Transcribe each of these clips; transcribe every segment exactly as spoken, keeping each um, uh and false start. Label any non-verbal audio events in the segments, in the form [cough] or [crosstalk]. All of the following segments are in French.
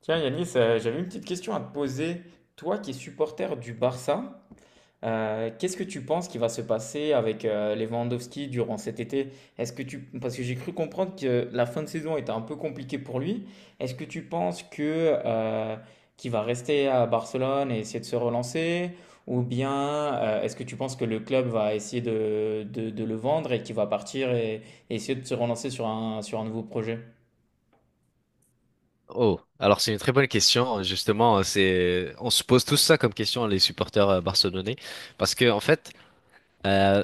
Tiens Yanis, euh, j'avais une petite question à te poser. Toi qui es supporter du Barça, euh, qu'est-ce que tu penses qui va se passer avec euh, Lewandowski durant cet été? Est-ce que tu... Parce que j'ai cru comprendre que la fin de saison était un peu compliquée pour lui. Est-ce que tu penses que, euh, qu'il va rester à Barcelone et essayer de se relancer? Ou bien euh, est-ce que tu penses que le club va essayer de, de- de le vendre et qu'il va partir et, et essayer de se relancer sur un, sur un nouveau projet? Oh, alors c'est une très bonne question. Justement, c'est on se pose tous ça comme question, les supporters euh, barcelonais, parce que en fait euh,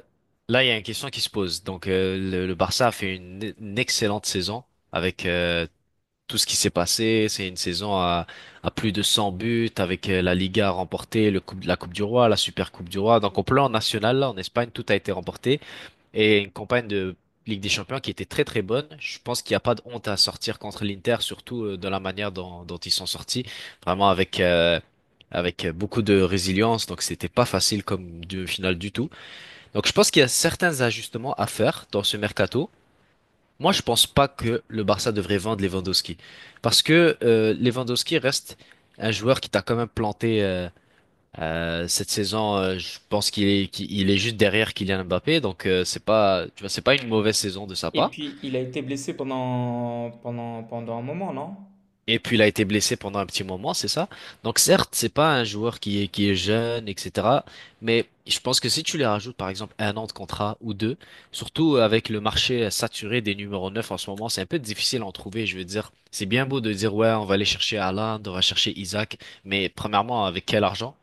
là il y a une question qui se pose. Donc euh, le, le Barça a fait une, une excellente saison avec euh, tout ce qui s'est passé. C'est une saison à, à plus de cent buts, avec euh, la Liga remportée, le coupe, la Coupe du Roi, la Super Coupe du Roi. Donc au plan national là en Espagne, tout a été remporté, et une campagne de Ligue des Champions qui était très très bonne. Je pense qu'il n'y a pas de honte à sortir contre l'Inter, surtout euh, de la manière dont, dont ils sont sortis, vraiment avec euh, avec beaucoup de résilience. Donc c'était pas facile comme demi-finale du tout. Donc je pense qu'il y a certains ajustements à faire dans ce mercato. Moi, je pense pas que le Barça devrait vendre Lewandowski, parce que euh, Lewandowski reste un joueur qui t'a quand même planté. Euh, euh, cette saison, euh, je pense qu'il est, qu'il il est juste derrière Kylian Mbappé. Donc euh, c'est pas, tu vois, c'est pas une mauvaise saison de sa Et part. puis, il a été blessé pendant, pendant, pendant un moment, non? Et puis il a été blessé pendant un petit moment, c'est ça? Donc certes, c'est pas un joueur qui est, qui est jeune, et cetera. Mais je pense que si tu les rajoutes par exemple un an de contrat ou deux, surtout avec le marché saturé des numéros neuf en ce moment, c'est un peu difficile à en trouver, je veux dire. C'est bien beau de dire ouais, on va aller chercher Haaland, on va chercher Isaac, mais premièrement, avec quel argent?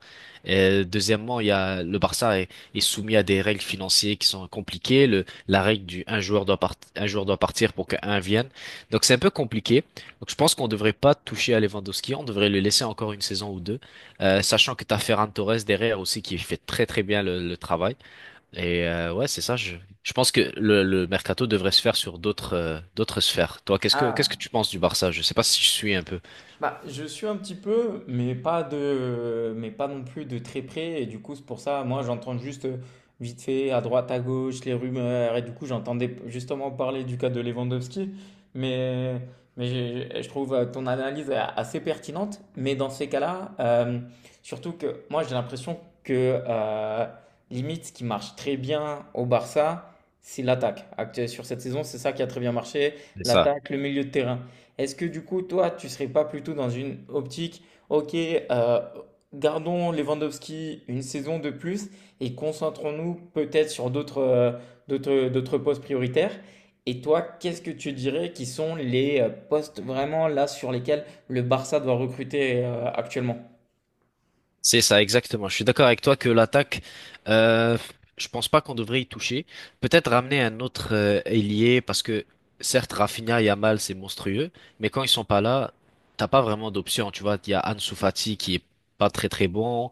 Et deuxièmement, il y a le Barça est, est soumis à des règles financières qui sont compliquées. Le, la règle du un joueur doit part- un joueur doit partir pour qu'un vienne. Donc c'est un peu compliqué. Donc je pense qu'on ne devrait pas toucher à Lewandowski, on devrait le laisser encore une saison ou deux. Euh, sachant que t'as Ferran Torres derrière aussi qui fait très très bien le, le travail. Et euh, ouais, c'est ça. Je, je pense que le, le mercato devrait se faire sur d'autres euh, d'autres sphères. Toi, qu'est-ce que qu'est-ce que Ah. tu penses du Barça? Je sais pas si je suis un peu. Bah, je suis un petit peu, mais pas de, mais pas non plus de très près. Et du coup, c'est pour ça, moi, j'entends juste euh, vite fait à droite, à gauche, les rumeurs. Et du coup, j'entendais justement parler du cas de Lewandowski. Mais, mais je, je trouve euh, ton analyse a- assez pertinente. Mais dans ces cas-là, euh, surtout que moi, j'ai l'impression que euh, limite, ce qui marche très bien au Barça, c'est l'attaque. Actuellement, sur cette saison, c'est ça qui a très bien marché, C'est ça. l'attaque, le milieu de terrain. Est-ce que du coup, toi, tu serais pas plutôt dans une optique, ok, euh, gardons Lewandowski une saison de plus et concentrons-nous peut-être sur d'autres euh, d'autres, d'autres postes prioritaires? Et toi, qu'est-ce que tu dirais qui sont les euh, postes vraiment là sur lesquels le Barça doit recruter euh, actuellement? C'est ça, exactement. Je suis d'accord avec toi que l'attaque, euh, je pense pas qu'on devrait y toucher. Peut-être ramener un autre euh, ailier, parce que certes Rafinha et Yamal c'est monstrueux, mais quand ils sont pas là, t'as pas vraiment d'option. Tu vois, il y a Ansu Fati qui est pas très très bon,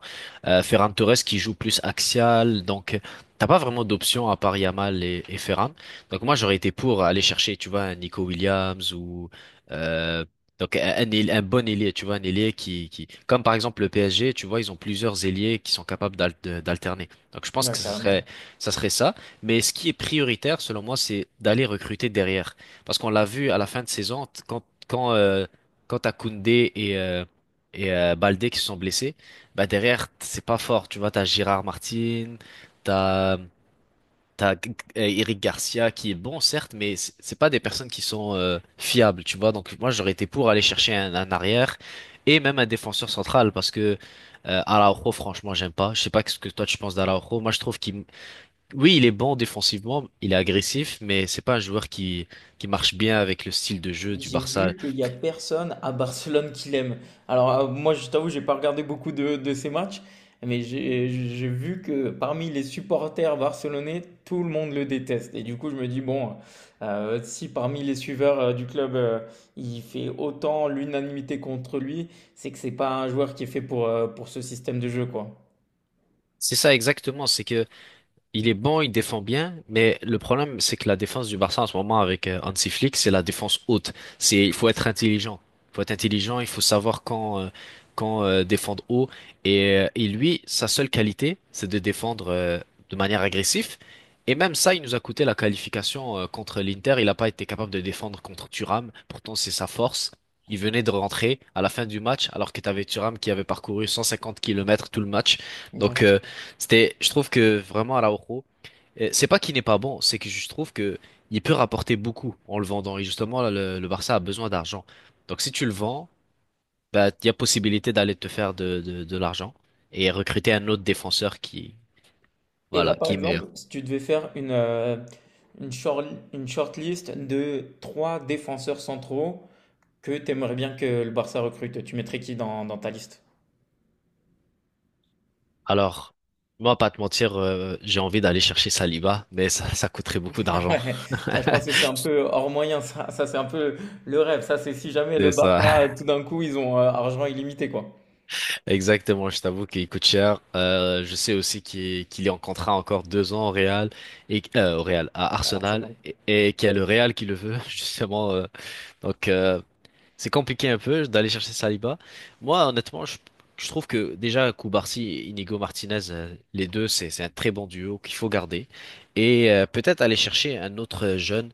euh, Ferran Torres qui joue plus axial. Donc t'as pas vraiment d'option à part Yamal et, et Ferran. Donc moi j'aurais été pour aller chercher, tu vois, un Nico Williams ou euh, donc un, un ail- un bon ailier, tu vois, un ailier qui, qui, comme par exemple le P S G, tu vois, ils ont plusieurs ailiers qui sont capables d'al- de- d'alterner. Donc je pense Ouais, que ça serait, carrément. ça serait ça. Mais ce qui est prioritaire, selon moi, c'est d'aller recruter derrière. Parce qu'on l'a vu à la fin de saison, t- quand, quand, euh, quand t'as Koundé et, euh, et euh, Baldé qui se sont blessés, bah derrière, t- c'est pas fort. Tu vois, t'as Gérard Martin, t'as T'as G- G- euh, Eric Garcia qui est bon, certes, mais c- c'est pas des personnes qui sont euh, fiables, tu vois. Donc moi, j'aurais été pour aller chercher un, un arrière et même un défenseur central, parce que euh, Araujo, franchement, j'aime pas. Je sais pas ce que toi tu penses d'Araujo. Moi, je trouve qu'il, oui, il est bon défensivement, il est agressif, mais c'est pas un joueur qui qui marche bien avec le style de jeu du J'ai Barça. vu qu'il n'y a personne à Barcelone qui l'aime. Alors, euh, moi, je t'avoue, j'ai pas regardé beaucoup de, de ces matchs, mais j'ai j'ai vu que parmi les supporters barcelonais, tout le monde le déteste. Et du coup, je me dis, bon, euh, si parmi les suiveurs euh, du club, euh, il fait autant l'unanimité contre lui, c'est que c'est pas un joueur qui est fait pour, euh, pour ce système de jeu, quoi. C'est ça exactement. C'est que Il est bon, il défend bien, mais le problème, c'est que la défense du Barça en ce moment, avec euh, Hansi Flick, c'est la défense haute. C'est, il faut être intelligent. Il faut être intelligent, il faut savoir quand, euh, quand euh, défendre haut. Et, euh, et lui, sa seule qualité, c'est de défendre euh, de manière agressive. Et même ça, il nous a coûté la qualification euh, contre l'Inter. Il n'a pas été capable de défendre contre Thuram. Pourtant, c'est sa force. Il venait de rentrer à la fin du match, alors que tu avais Thuram qui avait parcouru cent cinquante kilomètres tout le match. Ouais. Donc, euh, c'était, je trouve que vraiment Araujo, euh, c'est pas qu'il n'est pas bon, c'est que je trouve que il peut rapporter beaucoup en le vendant. Et justement, là, le, le Barça a besoin d'argent. Donc si tu le vends, bah, il y a possibilité d'aller te faire de, de, de l'argent et recruter un autre défenseur qui, Et là, voilà, par qui est meilleur. exemple, si tu devais faire une, euh, une short, une shortlist de trois défenseurs centraux, que t'aimerais bien que le Barça recrute? Tu mettrais qui dans, dans ta liste? [laughs] Alors, moi, pas te mentir, euh, j'ai envie d'aller chercher Saliba, mais ça, ça coûterait beaucoup d'argent. Ouais, là, je pense [laughs] que c'est un peu hors moyen, ça, ça c'est un peu le rêve. Ça, c'est si jamais le C'est ça. Barça, tout d'un coup, ils ont euh, argent illimité, quoi. Exactement, je t'avoue qu'il coûte cher. Euh, je sais aussi qu'il qu'il est en contrat encore deux ans au Real et euh, au Real à À Arsenal, Arsenal. et, et qu'il y a le Real qui le veut [laughs] justement. euh, donc euh, c'est compliqué un peu d'aller chercher Saliba. Moi, honnêtement, je, je trouve que déjà Koubarsi et Inigo Martinez, euh, les deux, c'est c'est un très bon duo qu'il faut garder. Et euh, peut-être aller chercher un autre jeune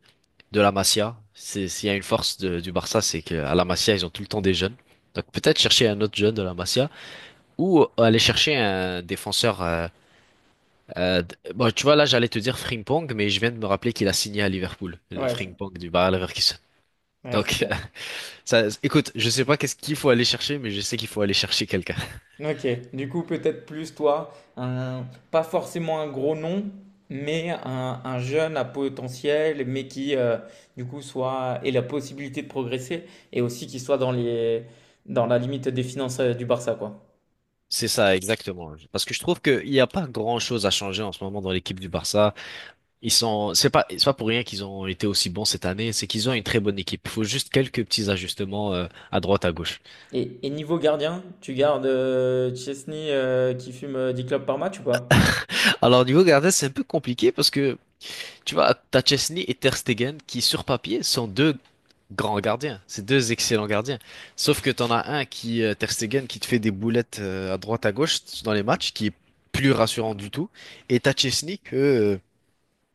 de la Masia. C'est S'il y a une force de- du Barça, c'est qu'à la Masia ils ont tout le temps des jeunes. Donc peut-être chercher un autre jeune de la Masia, ou aller chercher un défenseur. Euh, euh, d- bon, tu vois, là, j'allais te dire Frimpong, mais je viens de me rappeler qu'il a signé à Liverpool, le Ouais, c'est- Frimpong du Bayer Leverkusen. ouais, c'est Donc, clair. [laughs] ça, écoute, je sais pas qu'est-ce qu'il faut aller chercher, mais je sais qu'il faut aller chercher quelqu'un. Ok, du coup, peut-être plus toi, un, pas forcément un gros nom, mais un, un jeune à potentiel, mais qui, euh, du coup, soit, ait la possibilité de progresser et aussi qui soit dans les, dans la limite des finances euh, du Barça, quoi. [laughs] C'est ça, exactement. Parce que je trouve qu'il n'y a pas grand-chose à changer en ce moment dans l'équipe du Barça. Ils sont, c'est pas, c'est pas pour rien qu'ils ont été aussi bons cette année, c'est qu'ils ont une très bonne équipe. Il faut juste quelques petits ajustements, euh, à droite, à gauche. Et, et niveau gardien, tu gardes euh, Chesney euh, qui fume euh, dix clopes par match ou pas? Alors, au niveau gardien, c'est un peu compliqué parce que tu vois, t'as Chesney et Ter Stegen qui, sur papier, sont deux grands gardiens. C'est deux excellents gardiens. Sauf que t'en as un qui, euh, Ter Stegen, qui te fait des boulettes euh, à droite à gauche dans les matchs, qui est plus rassurant du tout. Et t'as Chesney que, euh,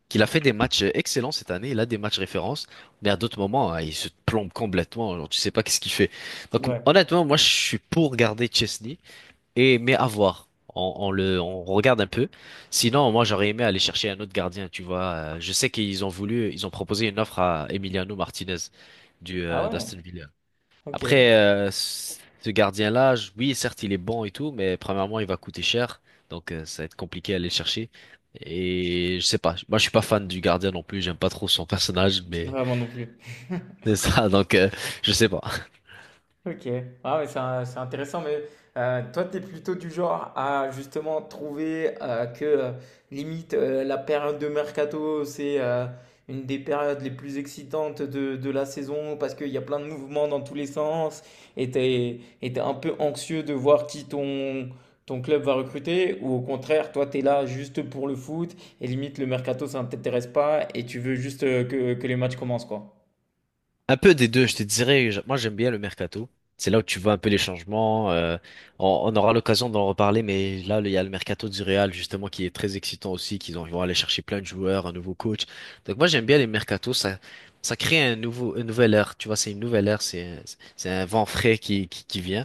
qu'il a fait des matchs excellents cette année. Il a des matchs références. Mais à d'autres moments, hein, il se plombe complètement. Genre, tu sais pas qu'est-ce qu'il fait. Donc, Ouais. honnêtement, moi, je suis pour garder Chesney. Et mais à voir. On, on le, on regarde un peu. Sinon, moi, j'aurais aimé aller chercher un autre gardien, tu vois. Euh, Je sais qu'ils ont voulu, ils ont proposé une offre à Emiliano Martinez du Ah euh, ouais? d'Aston Villa. Ok. Ouais, Après, euh, ce gardien-là, je- oui, certes, il est bon et tout, mais premièrement, il va coûter cher. Donc euh, ça va être compliqué à aller le chercher. Et je sais pas. Moi, je suis pas fan du gardien non plus. J'aime pas trop son personnage, mais moi non plus. [laughs] [laughs] c'est ça. Donc, euh, je sais pas. Ok, ah ouais, c'est un- c'est intéressant, mais euh, toi, tu es plutôt du genre à justement trouver euh, que euh, limite euh, la période de mercato, c'est euh, une des périodes les plus excitantes de, de la saison parce qu'il y a plein de mouvements dans tous les sens et tu es, un peu anxieux de voir qui ton, ton club va recruter ou au contraire, toi, tu es là juste pour le foot et limite le mercato, ça ne t'intéresse pas et tu veux juste euh, que, que les matchs commencent, quoi. Un peu des deux, je te dirais. je- Moi, j'aime bien le mercato. C'est là où tu vois un peu les changements. euh, on, on aura l'occasion d'en reparler, mais là, il y a le mercato du Real, justement, qui est très excitant aussi, qu'ils ont- ils vont aller chercher plein de joueurs, un nouveau coach. Donc moi, j'aime bien les mercatos. Ça, ça crée un nouveau, une nouvelle ère. Tu vois, c'est une nouvelle ère. C'est, c'est un vent frais qui, qui, qui vient.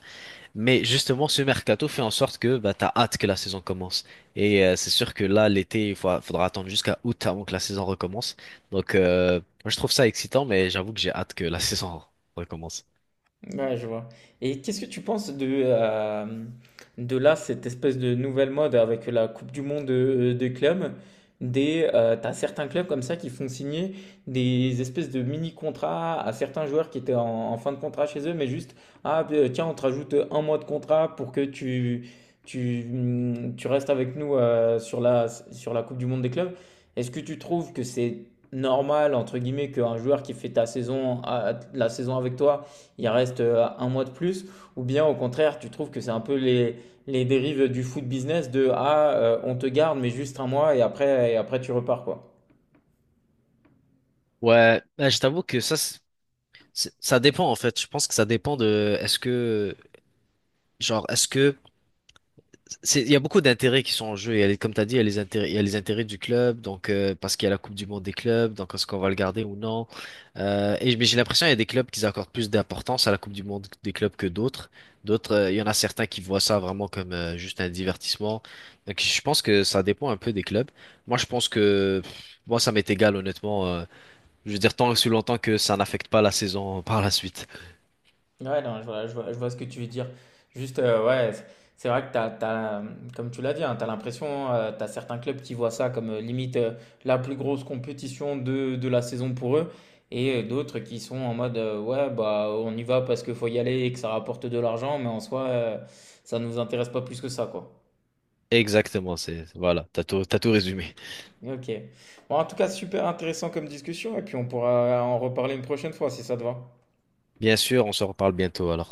Mais justement, ce mercato fait en sorte que bah, t'as hâte que la saison commence. Et euh, c'est sûr que là, l'été, il fa- faudra attendre jusqu'à août avant que la saison recommence. Donc, euh, moi, je trouve ça excitant, mais j'avoue que j'ai hâte que la [laughs] saison recommence. Ouais, je vois. Et qu'est-ce que tu penses de, euh, de là, cette espèce de nouvelle mode avec la Coupe du Monde de, de clubs? Des, euh, t'as certains clubs comme ça qui font signer des espèces de mini-contrats à certains joueurs qui étaient en, en fin de contrat chez eux, mais juste, ah euh, tiens, on te rajoute un mois de contrat pour que tu, tu, hum, tu restes avec nous euh, sur la, sur la Coupe du Monde des clubs. Est-ce que tu trouves que c'est normal, entre guillemets, qu'un joueur qui fait ta saison, ah, la saison avec toi, il reste euh, un mois de plus, ou bien au contraire, tu trouves que c'est un peu les, les dérives du foot business de ah, euh, on te garde, mais juste un mois et après, et après tu repars quoi. Ouais, bah, je t'avoue que ça, c'est- c'est- ça dépend en fait. Je pense que ça dépend de, est-ce que, genre, est-ce que c'est- il y a beaucoup d'intérêts qui sont en jeu. Il y a les- Comme tu as dit, il y a les intérêts, il y a les intérêts du club. Donc euh, parce qu'il y a la Coupe du Monde des clubs, donc est-ce qu'on va le garder ou non. Euh, et mais j'ai l'impression qu'il y a des clubs qui accordent plus d'importance à la Coupe du Monde des clubs que d'autres. D'autres, euh, il y en a certains qui voient ça vraiment comme euh, juste un divertissement. Donc je pense que ça dépend un peu des clubs. Moi, je pense que pff, moi, ça m'est égal honnêtement. Euh, je veux dire tant sous longtemps que ça n'affecte pas la saison [laughs] par la suite. Ouais, non, je vois, je vois, je vois ce que tu veux dire. Juste, euh, ouais, c'est c'est vrai que t'as, t'as, comme tu l'as dit, tu as l'impression, euh, tu as certains clubs qui voient ça comme euh, limite euh, la plus grosse compétition de, de la saison pour eux, et euh, d'autres qui sont en mode, euh, ouais, bah on y va parce qu'il faut y aller et que ça rapporte de l'argent, mais en soi, euh, ça nous intéresse pas plus que ça, quoi. Exactement, c'est voilà, t'as tout, t'as tout résumé. Ok. Bon, en tout cas, super intéressant comme discussion et puis on pourra en reparler une prochaine fois si ça te va. Bien sûr, on se reparle bientôt alors.